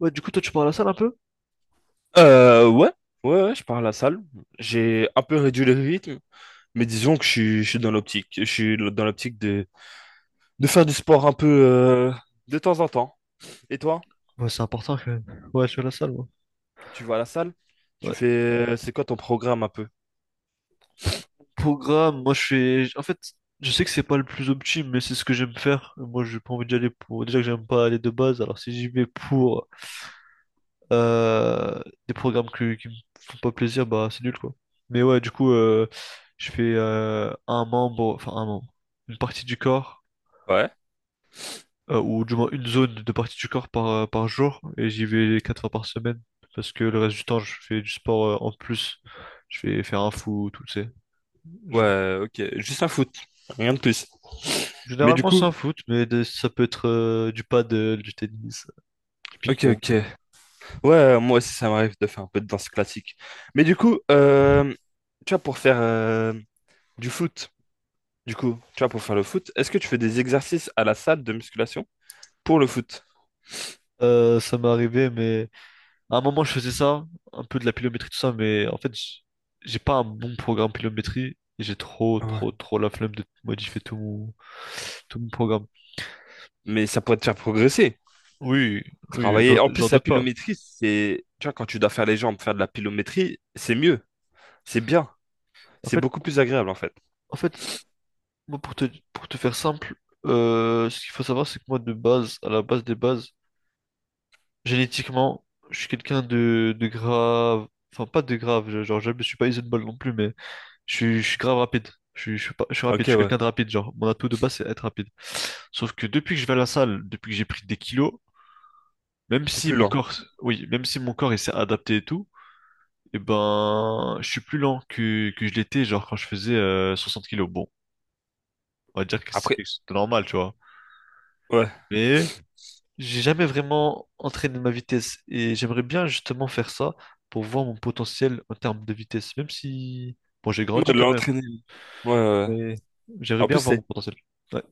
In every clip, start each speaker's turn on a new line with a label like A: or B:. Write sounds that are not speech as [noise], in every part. A: Ouais, du coup, toi, tu pars à la salle un peu?
B: Euh, ouais, ouais, je pars à la salle. J'ai un peu réduit le rythme, mais disons que je suis dans l'optique. Je suis dans l'optique de faire du sport un peu de temps en temps. Et toi,
A: Ouais, c'est important quand même. Ouais, je suis à la salle, moi.
B: tu vas à la salle? Tu
A: Ouais.
B: fais, c'est quoi ton programme un peu?
A: Programme, moi, je fais... En fait, je sais que c'est pas le plus optime, mais c'est ce que j'aime faire. Moi, j'ai pas envie d'y aller pour... Déjà que j'aime pas aller de base, alors si j'y vais pour euh, des qui me font pas plaisir, bah, c'est nul, quoi. Mais ouais, du coup, je fais un membre... Enfin, un membre. Une partie du corps.
B: Ouais,
A: Euh, ou du moins une zone de partie du corps par, par jour, et j'y vais 4 fois par semaine, parce que le reste du temps, je fais du sport en plus. Je vais faire un foot, tout, tu sais. Je-
B: ouais, ok. Juste un foot, rien de plus. Mais du
A: Généralement, c'est
B: coup,
A: un foot, mais ça peut être du paddle, du tennis, du
B: ok,
A: ping-pong.
B: ok. Ouais, moi aussi, ça m'arrive de faire un peu de danse classique. Mais du coup, tu vois, pour faire du foot, du coup, tu vois, pour faire le foot, est-ce que tu fais des exercices à la salle de musculation? Pour le foot.
A: Ça m'est arrivé, mais à un moment, je faisais ça, un peu de la pilométrie, tout ça, mais en fait, j'ai pas un bon programme pilométrie, et j'ai trop,
B: Ouais.
A: trop, trop la flemme de modifier tout mon programme.
B: Mais ça pourrait te faire progresser.
A: Oui, oui, j'en
B: Travailler. En
A: j'en
B: plus, la
A: doute pas.
B: pilométrie, c'est... Tu vois, quand tu dois faire les jambes, faire de la pilométrie, c'est mieux. C'est bien.
A: En
B: C'est
A: fait,
B: beaucoup plus agréable, en fait.
A: en fait, moi, pour te faire simple, ce qu'il faut savoir, c'est que moi, de base, à la base des bases, génétiquement, je suis quelqu'un de grave. Enfin, pas de grave, genre, je ne suis pas Isenball non plus, mais je suis grave rapide. Je suis pas- je suis rapide,
B: Ok,
A: je suis
B: ouais.
A: quelqu'un de rapide, genre, mon atout de base, c'est être rapide. Sauf que depuis que je vais à la salle, depuis que j'ai pris des kilos, même
B: T'es
A: si
B: plus
A: mon
B: lent.
A: corps, oui, même si mon corps, il s'est adapté et tout, et ben, je suis plus lent que je l'étais, genre, quand je faisais 60 kilos. Bon, on va dire que c'est
B: Après,
A: c'est normal, tu vois.
B: ouais.
A: Mais j'ai jamais vraiment entraîné ma vitesse et j'aimerais bien justement faire ça pour voir mon potentiel en termes de vitesse, même si, bon, j'ai
B: Ouais, de
A: grandi quand même,
B: l'entraîner. Ouais, ouais, ouais.
A: mais j'aimerais
B: En plus,
A: bien voir
B: c'est...
A: mon potentiel. Ouais.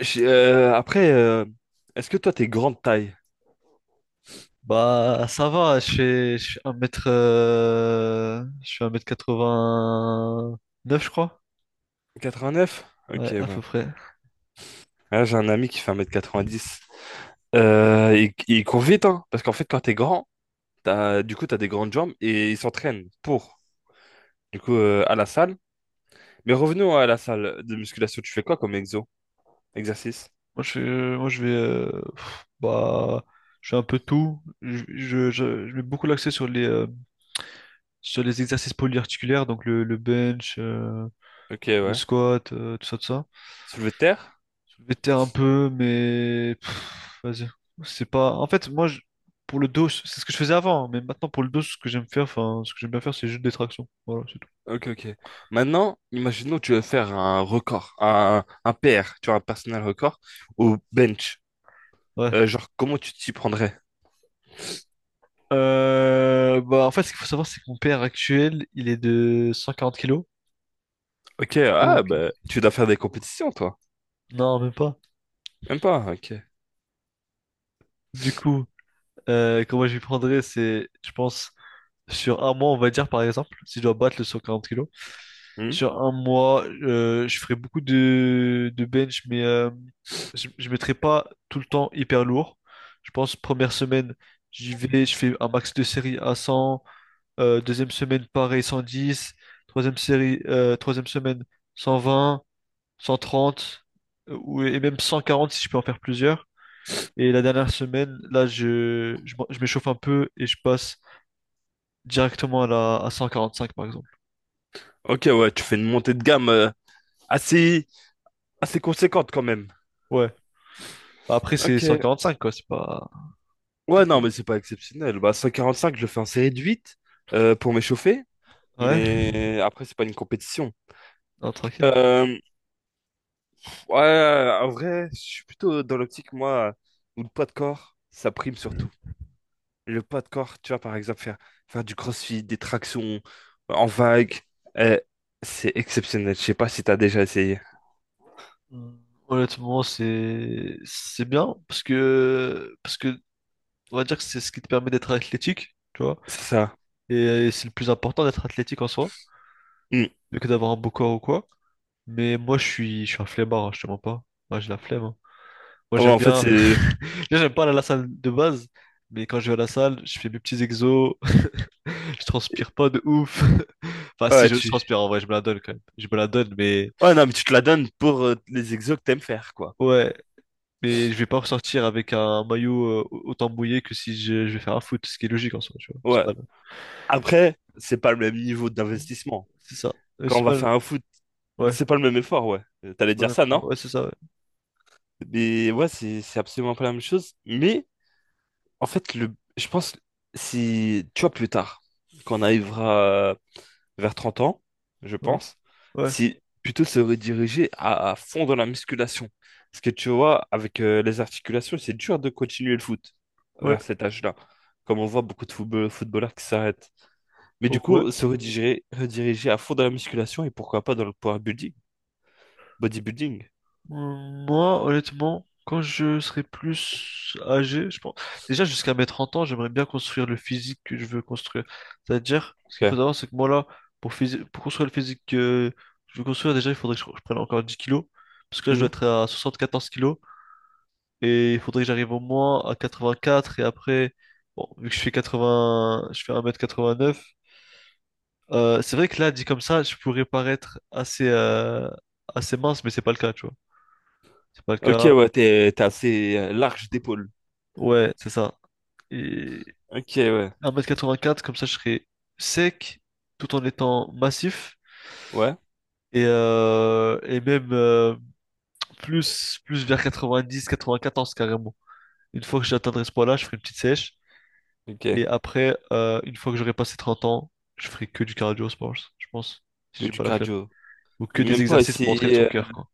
B: j'ai- euh, après, euh, est-ce que toi, t'es grande taille?
A: Bah, ça va, je fais 1m, je fais 1m89 je crois.
B: 89? Ok,
A: Ouais, à peu
B: ouais.
A: près.
B: Là, j'ai un ami qui fait 1 m 90. Il court vite, hein, parce qu'en fait, quand t'es grand, t'as des grandes jambes et il s'entraîne pour. Du coup, à la salle, mais revenons à la salle de musculation. Tu fais quoi comme exo? Exercice?
A: Moi, je vais, bah, je fais un peu tout. Je mets beaucoup l'accent sur sur les exercices polyarticulaires, donc le bench,
B: Ok,
A: le
B: ouais.
A: squat, euh, tout ça.
B: Soulevé de terre?
A: Soulevé de terre un peu, mais pff, vas-y. C'est pas. En fait, pour le dos, c'est ce que je faisais avant, hein, mais maintenant pour le dos, ce que j'aime faire, enfin, ce que j'aime bien faire, c'est juste des tractions. Voilà, c'est tout.
B: Ok, ok. Maintenant, imaginons que tu veux faire un record, un PR, tu vois, un personal record, au bench.
A: Ouais.
B: Genre, comment tu t'y prendrais?
A: Bah, en fait, ce qu'il faut savoir, c'est que mon père actuel, il est de 140 kilos.
B: Ok, ah,
A: Donc,
B: bah, tu dois faire des compétitions, toi.
A: non, même pas.
B: Même pas, ok.
A: Du coup, comment je lui prendrais, c'est, je pense, sur un mois, on va dire, par exemple, si je dois battre le 140 kilos.
B: Hmm.
A: Sur un mois, je ferai beaucoup de bench, mais je ne mettrai pas tout le temps hyper lourd. Je pense première semaine, j'y vais, je fais un max de séries à 100. Deuxième semaine, pareil, 110. Troisième semaine, 120, 130, et même 140 si je peux en faire plusieurs. Et la dernière semaine, là, je m'échauffe un peu et je passe directement à 145, par exemple.
B: Ok, ouais, tu fais une montée de gamme assez, assez conséquente quand même.
A: Ouais. Bah, après, c'est
B: Ok.
A: 145, quoi. C'est pas...
B: Ouais, non, mais c'est pas exceptionnel. Bah, 145, je le fais en série de 8 pour m'échauffer.
A: Ouais,
B: Mais après, c'est pas une compétition.
A: non, tranquille.
B: Euh, ouais, en vrai, je suis plutôt dans l'optique, moi, où le poids de corps, ça prime surtout. Le poids de corps, tu vois, par exemple, faire du crossfit, des tractions en vague, euh, c'est exceptionnel. Je sais pas si t'as déjà essayé.
A: Hmm, honnêtement, c'est bien parce que on va dire que c'est ce qui te permet d'être athlétique, tu vois.
B: C'est ça.
A: Et, c'est le plus important d'être athlétique en soi,
B: Hmm.
A: plus que d'avoir un beau corps ou quoi. Mais moi, je suis un flemmard, hein, je te mens pas. Moi, j'ai la flemme, hein. Moi,
B: Ouais,
A: j'aime
B: en fait,
A: bien.
B: c'est...
A: [laughs] Déjà, j'aime pas aller à la salle de base, mais quand je vais à la salle, je fais mes petits exos. [laughs] Je transpire pas de ouf. [laughs] Enfin, si
B: Ouais,
A: je
B: tu...
A: transpire en vrai, je me la donne quand même. Je me la donne, mais
B: Ouais, non, mais tu te la donnes pour les exos que t'aimes faire, quoi.
A: ouais, mais je vais pas ressortir avec un maillot autant mouillé que si je vais faire un foot, ce qui est logique en soi, tu vois.
B: Ouais. Après, c'est pas le même niveau d'investissement.
A: C'est ça.
B: Quand on
A: C'est
B: va
A: pas
B: faire
A: le-
B: un foot,
A: Ouais.
B: c'est pas le même effort, ouais. T'allais
A: C'est pas
B: dire
A: le-
B: ça, non?
A: Ouais, c'est ça, ouais.
B: Mais ouais, c'est absolument pas la même chose. Mais en fait, le, je pense, si, tu vois, plus tard, quand on arrivera vers 30 ans, je
A: Ouais.
B: pense,
A: Ouais.
B: si plutôt se rediriger à fond dans la musculation. Parce que tu vois, avec les articulations, c'est dur de continuer le foot
A: Ouais.
B: vers cet âge-là. Comme on voit beaucoup de footballeurs qui s'arrêtent. Mais
A: Oh,
B: du
A: ouais.
B: coup, rediriger à fond dans la musculation et pourquoi pas dans le power building, bodybuilding.
A: Moi, honnêtement, quand je serai plus âgé, je pense. Déjà, jusqu'à mes 30 ans, j'aimerais bien construire le physique que je veux construire. C'est-à-dire, ce qu'il faut
B: Ok,
A: savoir, c'est que moi, là, pour construire le physique que je veux construire, déjà, il faudrait que je prenne encore 10 kilos. Parce que là, je dois
B: mhm.
A: être à 14 kilos. Et il faudrait que j'arrive au moins à 84. Et après, bon, vu que je fais 80, je fais 1m89. Euh, c'est vrai que là, dit comme ça, je pourrais paraître assez mince, mais c'est pas le cas, tu vois. C'est pas le
B: Ok,
A: cas.
B: ouais, t'es assez large d'épaule.
A: Ouais, c'est ça. Et
B: Ok, ouais.
A: 1m84, comme ça, je serais sec, tout en étant massif.
B: Ouais,
A: Et même plus, plus vers 90, 94 carrément. Une fois que j'atteindrai ce poids-là, je ferai une petite sèche.
B: ok.
A: Et après, une fois que j'aurai passé 30 ans, je ferai que du cardio, je pense, si
B: Que
A: j'ai
B: du
A: pas la flemme.
B: cardio.
A: Ou que
B: Et
A: des
B: même pas
A: exercices pour entraîner
B: essayer.
A: son cœur, quoi.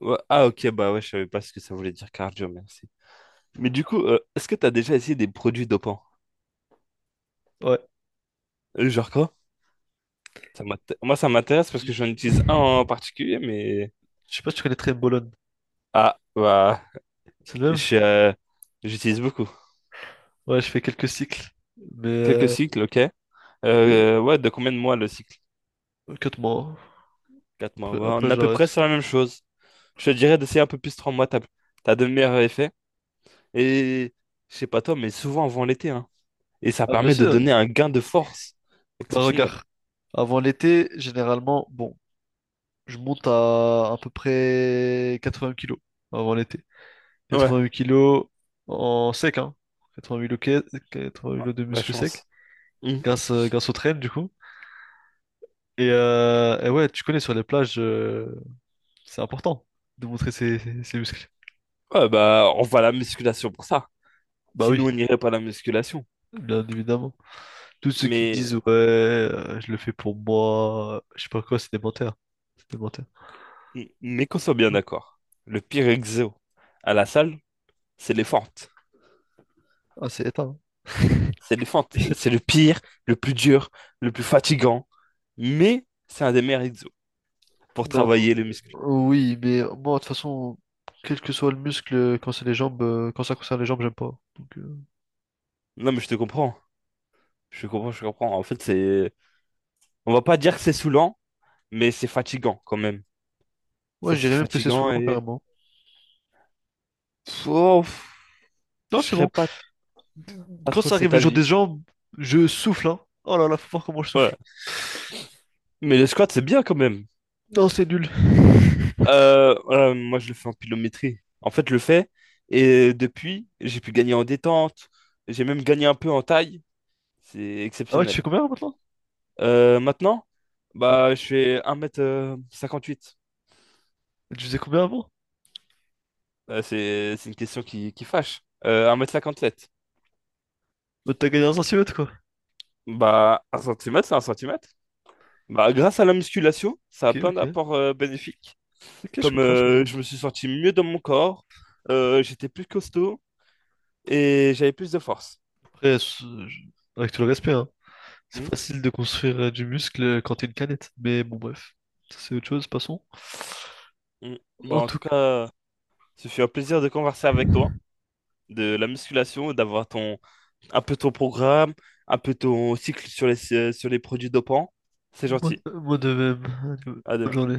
B: Ouais, ah, ok, bah ouais, je savais pas ce que ça voulait dire cardio, merci. Mais du coup, est-ce que t'as déjà essayé des produits dopants?
A: Ouais.
B: Genre quoi? Moi, ça m'intéresse parce que
A: Je
B: j'en utilise un en particulier, mais...
A: je sais pas si tu connais très Bolone.
B: Ah, bah...
A: C'est le même?
B: je, euh, j'utilise beaucoup.
A: Ouais, je fais quelques cycles. Mais,
B: Quelques cycles, ok.
A: mais
B: Ouais, de combien de mois le cycle?
A: ok, 4 mois, hein.
B: 4 mois. Ouais, on
A: Après
B: est à peu près
A: j'arrête.
B: sur la même chose. Je te dirais d'essayer un peu plus 3 mois, t'as de meilleurs effets. Et je sais pas toi, mais souvent avant l'été, hein. Et ça
A: Ah, bien
B: permet de
A: sûr, hein.
B: donner un gain de force
A: Bah,
B: exceptionnel.
A: regarde. Avant l'été, généralement, bon, je monte à peu près 80 kilos avant l'été.
B: Ouais.
A: 88 kilos en sec, hein. 88 kilos, 88
B: Ah,
A: kilos de
B: la
A: muscles secs.
B: chance. Hmm.
A: Grâce au train, du coup. Et, ouais, tu connais sur les plages, c'est important de montrer ses muscles.
B: Ouais, bah, on va à la musculation pour ça.
A: Bah oui,
B: Sinon, on n'irait pas à la musculation.
A: bien évidemment. Tous ceux qui
B: Mais,
A: disent ouais, je le fais pour moi, je sais pas quoi, c'est des menteurs. C'est des menteurs.
B: mais qu'on soit bien d'accord. Le pire exo à la salle, c'est les fentes.
A: Ah, c'est éteint.
B: C'est les fentes. C'est
A: [laughs]
B: le pire, le plus dur, le plus fatigant. Mais c'est un des meilleurs exos pour
A: Non,
B: travailler les muscles.
A: oui, mais moi, de toute façon, quel que soit le muscle, quand ça concerne les jambes, j'aime pas. Donc,
B: Non, mais je te comprends. Je comprends. En fait, c'est... On va pas dire que c'est saoulant, mais c'est fatigant quand même.
A: ouais,
B: Ça,
A: je
B: c'est
A: dirais même que c'est
B: fatigant
A: saoulant,
B: et...
A: carrément.
B: Pff, oh, pff, je
A: Non, c'est
B: serais
A: bon.
B: pas, pas
A: Quand
B: trop
A: ça
B: de
A: arrive
B: cet
A: le jour des
B: avis.
A: jambes, je souffle, hein. Oh là là, faut voir comment je souffle.
B: Ouais. Mais le squat, c'est bien quand même.
A: Non, c'est nul.
B: Moi, je le fais en pilométrie. En fait, je le fais. Et depuis, j'ai pu gagner en détente. J'ai même gagné un peu en taille. C'est
A: Ah ouais, tu fais
B: exceptionnel.
A: combien maintenant?
B: Maintenant, bah, je fais 1 m 58.
A: Tu faisais combien avant?
B: C'est une question qui fâche. 1 m 57.
A: Bah, t'as gagné un centimètre, quoi.
B: Bah, un centimètre, c'est un centimètre. Bah, grâce à la musculation, ça a
A: Ok,
B: plein
A: ok.
B: d'apports bénéfiques.
A: Ok, je
B: Comme
A: comprends, je comprends.
B: je me suis senti mieux dans mon corps, j'étais plus costaud et j'avais plus de force.
A: Après, avec tout le respect, hein, c'est
B: Hmm.
A: facile de construire du muscle quand t'es une canette. Mais bon, bref. Ça, c'est autre chose, passons.
B: Mm. Bon,
A: En
B: en tout
A: tout cas,
B: cas, ce fut un plaisir de converser avec toi, de la musculation, d'avoir ton un peu ton programme, un peu ton cycle sur les produits dopants. C'est gentil.
A: moi de même. Allez,
B: À
A: bonne
B: demain.
A: journée.